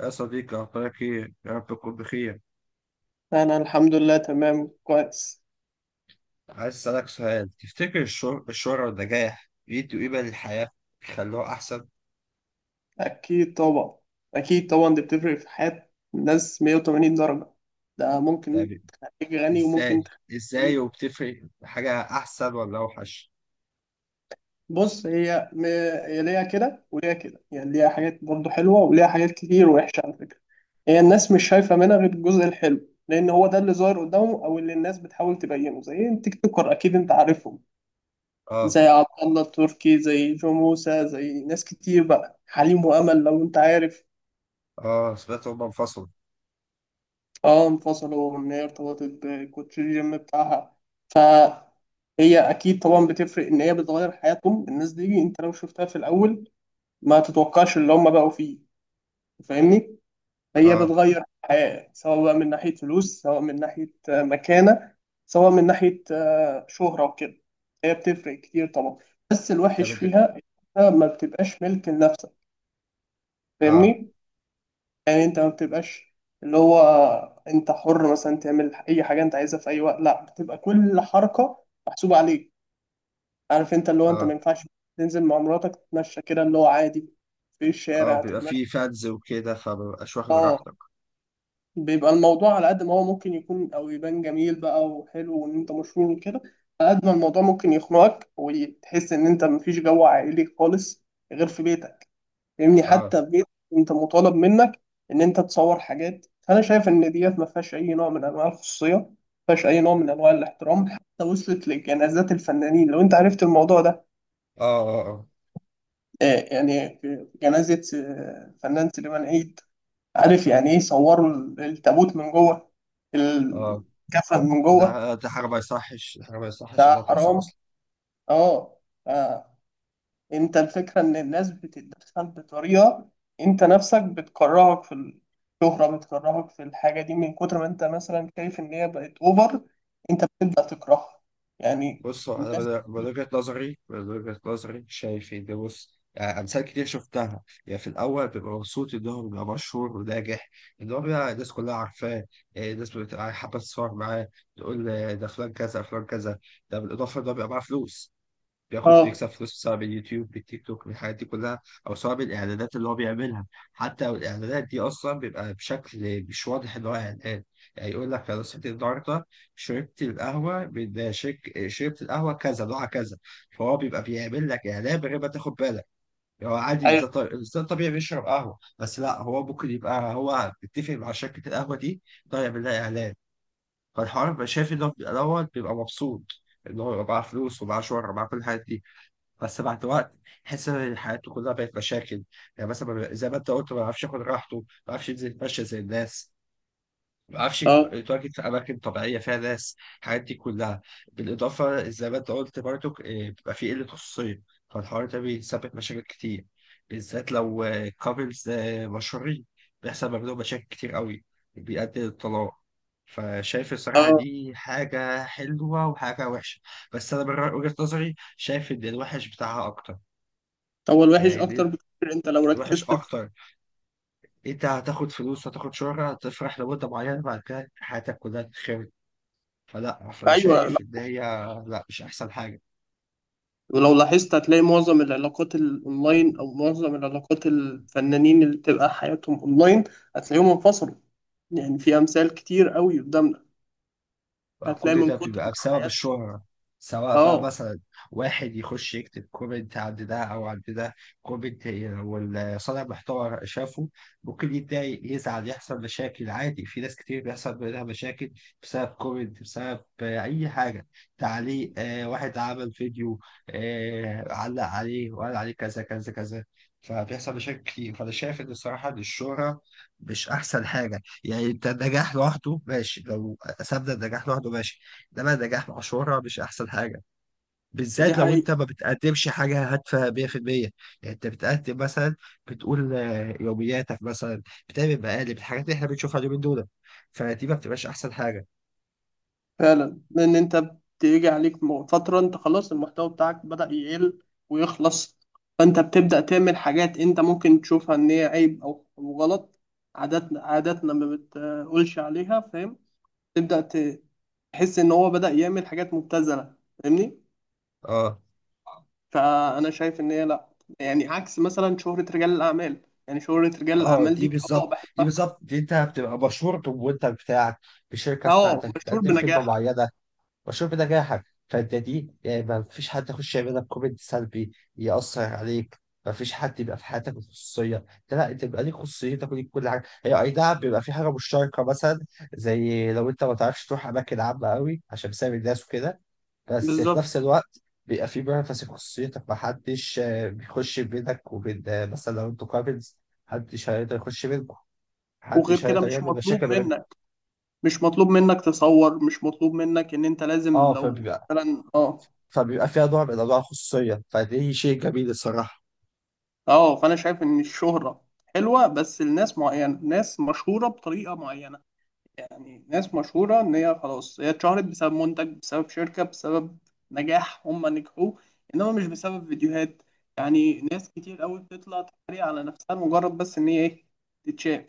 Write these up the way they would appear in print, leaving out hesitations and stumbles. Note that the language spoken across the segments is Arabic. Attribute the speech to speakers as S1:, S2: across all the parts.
S1: يا صديقي، أخبارك إيه؟ يا رب تكون بخير.
S2: انا الحمد لله تمام كويس.
S1: عايز أسألك سؤال، تفتكر الشهرة والنجاح بيدوا قيمة للحياة؟ بيخلوها أحسن؟
S2: اكيد طبعا. اكيد طبعا دي بتفرق في حياة الناس 180 درجة. ده ممكن
S1: يعني
S2: تخليك غني
S1: إزاي؟
S2: وممكن تخليك
S1: إزاي،
S2: إيه؟
S1: وبتفرق حاجة أحسن ولا أوحش؟
S2: بص، هي ليها كده وليها كده، يعني ليها حاجات برضه حلوة وليها حاجات كتير وحشة على فكرة. هي الناس مش شايفة منها غير الجزء الحلو، لان هو ده اللي ظاهر قدامهم او اللي الناس بتحاول تبينه، زي التيك توكر، اكيد انت عارفهم،
S1: آه.
S2: زي عبد الله التركي، زي جو موسى، زي ناس كتير بقى، حليم وامل لو انت عارف.
S1: آه، سمعت هما انفصلوا.
S2: اه انفصلوا، وان هي ارتبطت بكوتش الجيم بتاعها. فهي اكيد طبعا بتفرق، ان هي بتغير حياتهم الناس دي، انت لو شفتها في الاول ما تتوقعش اللي هم بقوا فيه. فاهمني؟ هي
S1: آه.
S2: بتغير حياة، سواء بقى من ناحية فلوس، سواء من ناحية مكانة، سواء من ناحية شهرة وكده. هي بتفرق كتير طبعا. بس
S1: طب
S2: الوحش
S1: إنت-
S2: فيها إنها ما بتبقاش ملك لنفسك.
S1: آه.
S2: فاهمني؟ يعني انت ما بتبقاش اللي هو انت حر مثلا تعمل اي حاجه انت عايزها في اي وقت، لا بتبقى كل حركه محسوبه عليك. عارف، انت اللي هو انت ما
S1: آه.
S2: ينفعش تنزل مع مراتك تتمشى كده اللي هو عادي في
S1: آه.
S2: الشارع
S1: بيبقى
S2: تتمشى.
S1: فيه فانز وكده، فمبقاش واخد
S2: اه.
S1: راحتك.
S2: بيبقى الموضوع على قد ما هو ممكن يكون او يبان جميل بقى وحلو وان انت مشهور وكده، على قد ما الموضوع ممكن يخنقك وتحس ان انت مفيش جو عائلي خالص غير في بيتك. فاهمني؟
S1: آه.
S2: حتى في بيت انت مطالب منك ان انت تصور حاجات. فانا شايف ان ديت ما فيهاش اي نوع من انواع الخصوصيه، ما فيهاش اي نوع من انواع الاحترام، حتى وصلت لجنازات الفنانين لو انت عرفت الموضوع ده.
S1: آه. آه. آه.
S2: يعني في جنازه فنان سليمان عيد، عارف يعني ايه؟ صوروا التابوت من جوه،
S1: آه.
S2: الكفن من جوه.
S1: ده حاجة ما يصحش، حاجة ما يصحش
S2: ده
S1: إنها تحصل
S2: حرام.
S1: أصلا.
S2: اه. آه. انت الفكرة ان الناس بتتدخل بطريقة انت نفسك بتكرهك في الشهرة، بتكرهك في الحاجة دي، من كتر ما انت مثلا شايف ان هي بقت اوفر انت بتبدأ تكرهها، يعني.
S1: بص، هو انا
S2: الناس.
S1: من وجهة نظري شايف ان، بص، يعني امثال كتير شفتها، يعني في الاول بيبقى مبسوط ان هو بيبقى مشهور وناجح، ان هو بيبقى الناس كلها عارفاه. إيه، الناس بتبقى حابه تتصور معاه، تقول آه، ده فلان كذا فلان كذا. ده بالاضافه ان هو بيبقى معاه فلوس، بياخد
S2: اه.
S1: بيكسب فلوس سواء باليوتيوب بالتيك توك بالحاجات دي كلها، او سواء بالاعلانات اللي هو بيعملها. حتى الاعلانات دي اصلا بيبقى بشكل مش واضح اللي هو اعلان، يعني يقول لك انا صحيت النهارده شربت القهوه كذا نوعها كذا. فهو بيبقى بيعمل لك اعلان من غير ما تاخد بالك. هو عادي،
S2: ايوه.
S1: إنسان طبيعي، الإنسان طبيعي بيشرب قهوه، بس لا، هو ممكن يبقى هو متفق مع شركه القهوه دي، طيب يعمل لها اعلان. فالحوار بقى، شايف ان هو في الاول بيبقى مبسوط ان هو يبقى معاه فلوس ومعاه شهره ومعاه كل الحاجات دي. بس بعد وقت، تحس ان حياته كلها بقت مشاكل. يعني مثلا، ما بي- زي ما انت قلت، ما بيعرفش ياخد راحته، ما بيعرفش ينزل يتمشى زي الناس، ما بيعرفش
S2: اه.
S1: يتواجد في اماكن طبيعيه فيها ناس. الحاجات دي كلها بالاضافه، زي ما انت قلت برضو، إيه، بيبقى في قله خصوصيه. فالحوار ده بيسبب مشاكل كتير، بالذات لو كابلز مشهورين، بيحصل ما بينهم مشاكل كتير قوي، بيؤدي للطلاق. فشايف الصراحة
S2: اه.
S1: دي حاجة حلوة وحاجة وحشة، بس أنا من وجهة نظري شايف إن الوحش بتاعها أكتر.
S2: هو الوحش اكتر
S1: يعني
S2: بكتير، انت لو
S1: وحش
S2: ركزت في.
S1: اكتر، انت هتاخد فلوس، هتاخد شهرة، هتفرح لمدة معينة، بعد كده حياتك كلها تتخرب. فلا، فانا
S2: ايوه، لا.
S1: شايف ان هي، لا، مش احسن حاجة.
S2: ولو لاحظت هتلاقي معظم العلاقات الاونلاين او معظم العلاقات الفنانين اللي بتبقى حياتهم اونلاين هتلاقيهم انفصلوا. يعني في امثال كتير قوي قدامنا. هتلاقي
S1: فكل
S2: من
S1: ده
S2: كتر ما
S1: بيبقى بسبب
S2: حياتهم.
S1: الشهرة، سواء بقى
S2: اه
S1: مثلا واحد يخش يكتب كومنت عند ده أو عند ده، كومنت والصانع محتوى شافه، ممكن يتضايق يزعل يحصل مشاكل، عادي، في ناس كتير بيحصل بينها مشاكل بسبب كومنت، بسبب آه، أي حاجة، تعليق، آه، واحد عمل فيديو، آه، علق عليه وقال عليه كذا كذا كذا. فبيحصل مشاكل كتير. فأنا شايف إن، الصراحة، إن الشهرة مش أحسن حاجة. يعني انت النجاح لوحده ماشي، لو سابنا النجاح لوحده ماشي، انما النجاح مع شهرة مش احسن حاجه،
S2: دي
S1: بالذات لو انت
S2: حقيقة.
S1: ما بتقدمش حاجه هادفه 100%. يعني انت بتقدم مثلا، بتقول آه، يومياتك مثلا، بتعمل مقالب، الحاجات اللي احنا بنشوفها اليومين دول، فدي ما بتبقاش احسن حاجه.
S2: فعلا، لأن أنت بتيجي عليك فترة أنت خلاص المحتوى بتاعك بدأ يقل ويخلص، فأنت بتبدأ تعمل حاجات أنت ممكن تشوفها إن هي عيب أو غلط. عاداتنا، عاداتنا ما بتقولش عليها، فاهم؟ تبدأ تحس إن هو بدأ يعمل حاجات مبتذلة. فاهمني؟
S1: اه.
S2: فأنا شايف إن هي لأ. يعني عكس مثلا شهرة رجال الأعمال، يعني شهرة رجال
S1: اه،
S2: الأعمال
S1: دي
S2: دي اه
S1: بالظبط دي
S2: بحبها.
S1: بالظبط دي انت بتبقى مشهور بالمنتج بتاعك، بالشركه
S2: اه،
S1: بتاعتك،
S2: مشهور
S1: بتقدم خدمه
S2: بنجاحك.
S1: معينه. والشرب ده جاحك، فانت دي يعني ما فيش حد يخش يعمل لك كومنت سلبي يأثر عليك، ما فيش حد يبقى في حياتك الخصوصية ده، لا، انت بيبقى ليك خصوصيتك وليك كل حاجة، هي اي نعم بيبقى في حاجة مشتركة، مثلا زي لو انت ما تعرفش تروح أماكن عامة قوي عشان بسبب الناس وكده، بس في
S2: بالظبط.
S1: نفس الوقت بيبقى في بيرفس في خصوصيتك، ما حدش آه، بيخش بينك وبين آه، مثلا لو انتوا كابلز، محدش هيقدر يخش بينكم،
S2: وغير
S1: محدش
S2: كده
S1: هيقدر
S2: مش
S1: يعمل
S2: مطلوب
S1: مشاكل ما بينكم.
S2: منك، مش مطلوب منك تصور، مش مطلوب منك ان انت لازم
S1: اه.
S2: لو
S1: فبيبقى
S2: مثلا اه
S1: فبيبقى فيها نوع من انواع الخصوصيه، فدي شيء جميل الصراحه.
S2: اه. فانا شايف ان الشهرة حلوة بس لناس معينة، ناس مشهورة بطريقة معينة. يعني ناس مشهورة ان هي خلاص هي اتشهرت بسبب منتج، بسبب شركة، بسبب نجاح هم نجحوه، انما مش بسبب فيديوهات. يعني ناس كتير قوي بتطلع تتريق على نفسها مجرد بس ان هي ايه، تتشاف.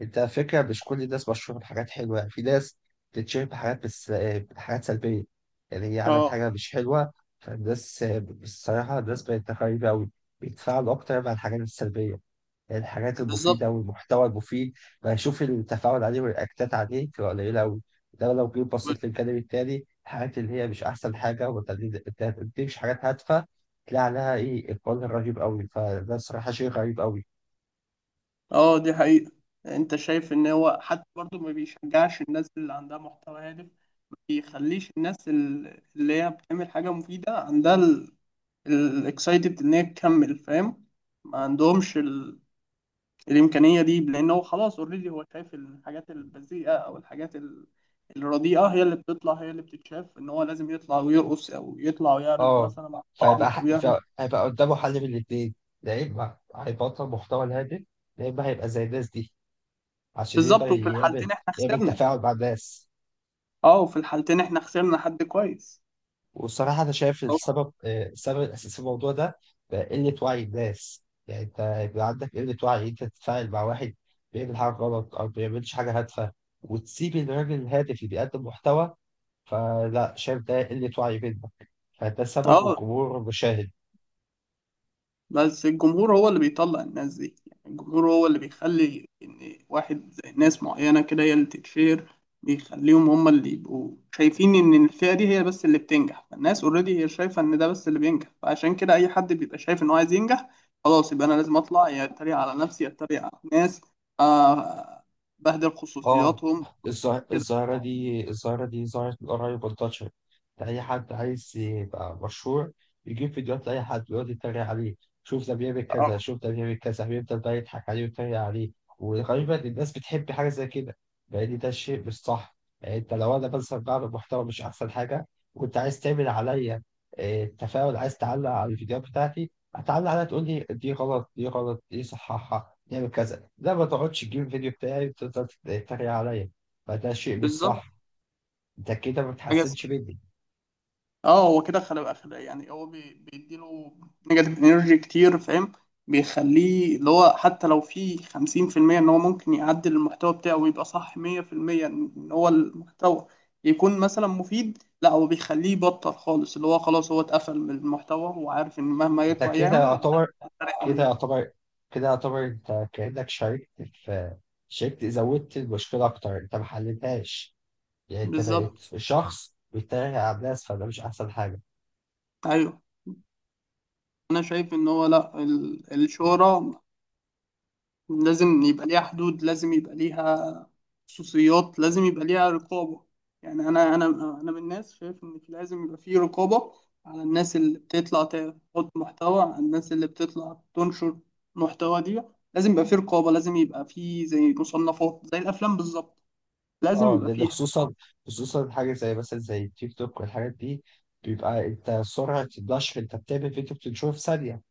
S1: انت على فكره مش كل الناس مشهوره بحاجات حلوه، يعني في ناس بتتشهر بحاجات، بس بحاجات سلبيه، يعني هي عملت
S2: اه،
S1: حاجه مش حلوه. فالناس آه، الصراحه الناس بقت غريبه قوي، بيتفاعلوا اكتر مع الحاجات السلبيه. الحاجات
S2: بالظبط.
S1: المفيدة والمحتوى المفيد بشوف التفاعل عليه والرياكتات عليه بتبقى قليلة أوي. ده لو جيت بصيت للجانب التاني، الحاجات اللي هي مش أحسن حاجة وما بتديكش حاجات هادفة، تلاقي عليها إيه إقبال رهيب أوي. فده الصراحة شيء غريب أوي.
S2: اه دي حقيقة. انت شايف ان هو حتى برضه ما بيشجعش الناس اللي عندها محتوى هادف، بيخليش الناس اللي هي بتعمل حاجة مفيدة عندها الاكسايتد إن هي تكمل، فاهم؟ ما عندهمش الإمكانية دي، لأن هو خلاص أوريدي هو شايف الحاجات البذيئة أو الحاجات الرديئة هي اللي بتطلع هي اللي بتتشاف، إن هو لازم يطلع ويرقص أو يطلع ويعرض
S1: أه.
S2: مثلا مع
S1: فيبقى
S2: صحابه أو
S1: ح- ف-
S2: يعرض.
S1: هيبقى قدامه حل من الاتنين، يا إما هيبطل محتوى الهادف، يا إما هيبقى زي الناس دي، عشان يقدر
S2: بالظبط، وفي
S1: يعمل،
S2: الحالتين إحنا
S1: يعمل
S2: خسرنا.
S1: تفاعل مع الناس.
S2: أه، وفي الحالتين إحنا خسرنا حد كويس.
S1: والصراحة أنا شايف السبب، آه، السبب الأساسي في الموضوع ده بقى قلة وعي الناس. يعني أنت يبقى عندك قلة وعي، أنت تتفاعل مع واحد بيعمل حاجة غلط أو بيعملش حاجة هادفة، وتسيب الراجل الهادف اللي بيقدم محتوى. فلا، شايف ده قلة وعي منك، فده سبب
S2: أه.
S1: الجمهور المشاهد.
S2: بس الجمهور هو اللي بيطلع الناس دي، يعني الجمهور هو اللي بيخلي إن واحد زي ناس معينة كده هي اللي تتشير، بيخليهم هم اللي يبقوا شايفين إن الفئة دي هي بس اللي بتنجح، فالناس أوريدي هي شايفة إن ده بس اللي بينجح. فعشان كده أي حد بيبقى شايف إن هو عايز ينجح خلاص يبقى أنا لازم أطلع، يا أتريق على نفسي يا أتريق على الناس، آه، بهدل
S1: اه.
S2: خصوصياتهم كده.
S1: الظاهرة دي ظهرت من قريب، انتشرت، أي حد عايز يبقى مشهور يجيب فيديوهات لأي حد ويقعد يتريق عليه، شوف ده بيعمل
S2: آه،
S1: كذا، شوف ده بيعمل كذا، بيفضل بقى يضحك عليه ويتريق عليه. وغالبا الناس بتحب حاجة زي كده، لأن ده الشيء مش صح. يعني أنت لو أنا مثلا بعمل محتوى مش أحسن حاجة، وأنت عايز تعمل عليا آه، تفاعل، عايز تعلق على الفيديوهات بتاعتي، هتعلق عليها تقول لي دي غلط، دي غلط، دي صححها، نعمل كذا، لا، ما تقعدش تجيب الفيديو بتاعي وتفضل تتريق عليا. فده شيء مش
S2: بالظبط.
S1: صح، انت كده ما
S2: حاجة.
S1: بتحسنش مني
S2: اه، هو كده يعني هو بيديله نيجاتيف انرجي كتير، فاهم؟ بيخليه اللي هو حتى لو في 50% ان هو ممكن يعدل المحتوى بتاعه ويبقى صح 100%، ان هو المحتوى يكون مثلا مفيد، لا هو بيخليه يبطل خالص اللي هو خلاص هو اتقفل من المحتوى، وعارف ان مهما
S1: انت
S2: يطلع يعمل هيتحرق
S1: كده
S2: عليه.
S1: يعتبر كده يعتبر انت كأنك شاركت، زودت المشكلة أكتر، انت ما حلتهاش. يعني انت
S2: بالظبط.
S1: بقيت شخص بيتريق على الناس، فده مش أحسن حاجة.
S2: ايوه. انا شايف ان هو لا الشهرة لازم يبقى ليها حدود، لازم يبقى ليها خصوصيات، لازم يبقى ليها رقابة. يعني أنا أنا من الناس شايف إن لازم يبقى في رقابة على الناس اللي بتطلع تحط محتوى، على الناس اللي بتطلع تنشر محتوى دي. لازم يبقى في رقابة، لازم يبقى في زي مصنفات زي الأفلام بالظبط، لازم
S1: اه،
S2: يبقى
S1: لان
S2: فيها
S1: خصوصا حاجه زي مثلا زي التيك توك والحاجات دي، بيبقى انت سرعه النشر، انت بتعمل فيديو بتنشره في ثانيه،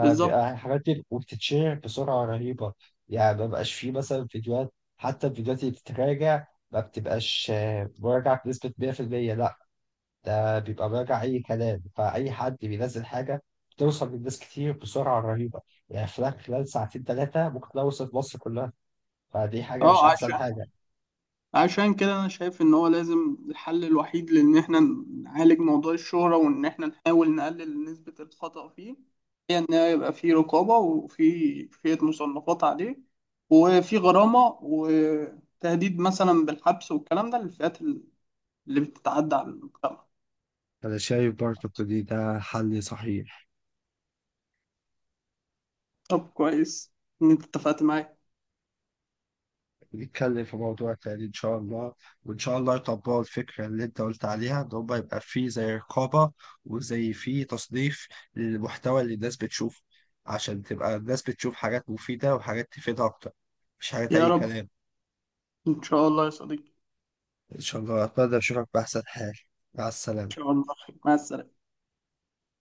S2: بالظبط.
S1: الحاجات دي وبتتشهر بسرعه رهيبه. يعني ما بقاش فيه مثلا فيديوهات، حتى الفيديوهات اللي بتتراجع ما بتبقاش آه، مراجعه بنسبه 100%، لا، ده بيبقى مراجع اي كلام، فاي حد بينزل حاجه بتوصل للناس كتير بسرعه رهيبه. يعني خلال ساعتين ثلاثه ممكن توصل مصر كلها، فدي حاجه مش
S2: اه،
S1: احسن حاجه.
S2: عشان كده انا شايف ان هو لازم، الحل الوحيد لان احنا نعالج موضوع الشهرة وان احنا نحاول نقلل نسبة الخطأ فيه، هي ان يبقى في رقابة وفي كفاية مصنفات عليه، وفي غرامة وتهديد مثلا بالحبس والكلام ده للفئات اللي بتتعدى على المجتمع.
S1: أنا شايف برضه إن ده حل صحيح.
S2: طب كويس، ان انت اتفقت معايا.
S1: نتكلم في موضوع تاني إن شاء الله، وإن شاء الله يطبقوا الفكرة اللي أنت قلت عليها إن هما يبقى فيه زي رقابة، وزي فيه تصنيف للمحتوى اللي الناس بتشوفه، عشان تبقى الناس بتشوف حاجات مفيدة وحاجات تفيدها أكتر، مش حاجات
S2: يا
S1: أي
S2: رب،
S1: كلام.
S2: ان شاء الله يا صديقي.
S1: إن شاء الله أتمنى أشوفك بأحسن حال، مع
S2: ان
S1: السلامة.
S2: شاء الله. مع السلامة.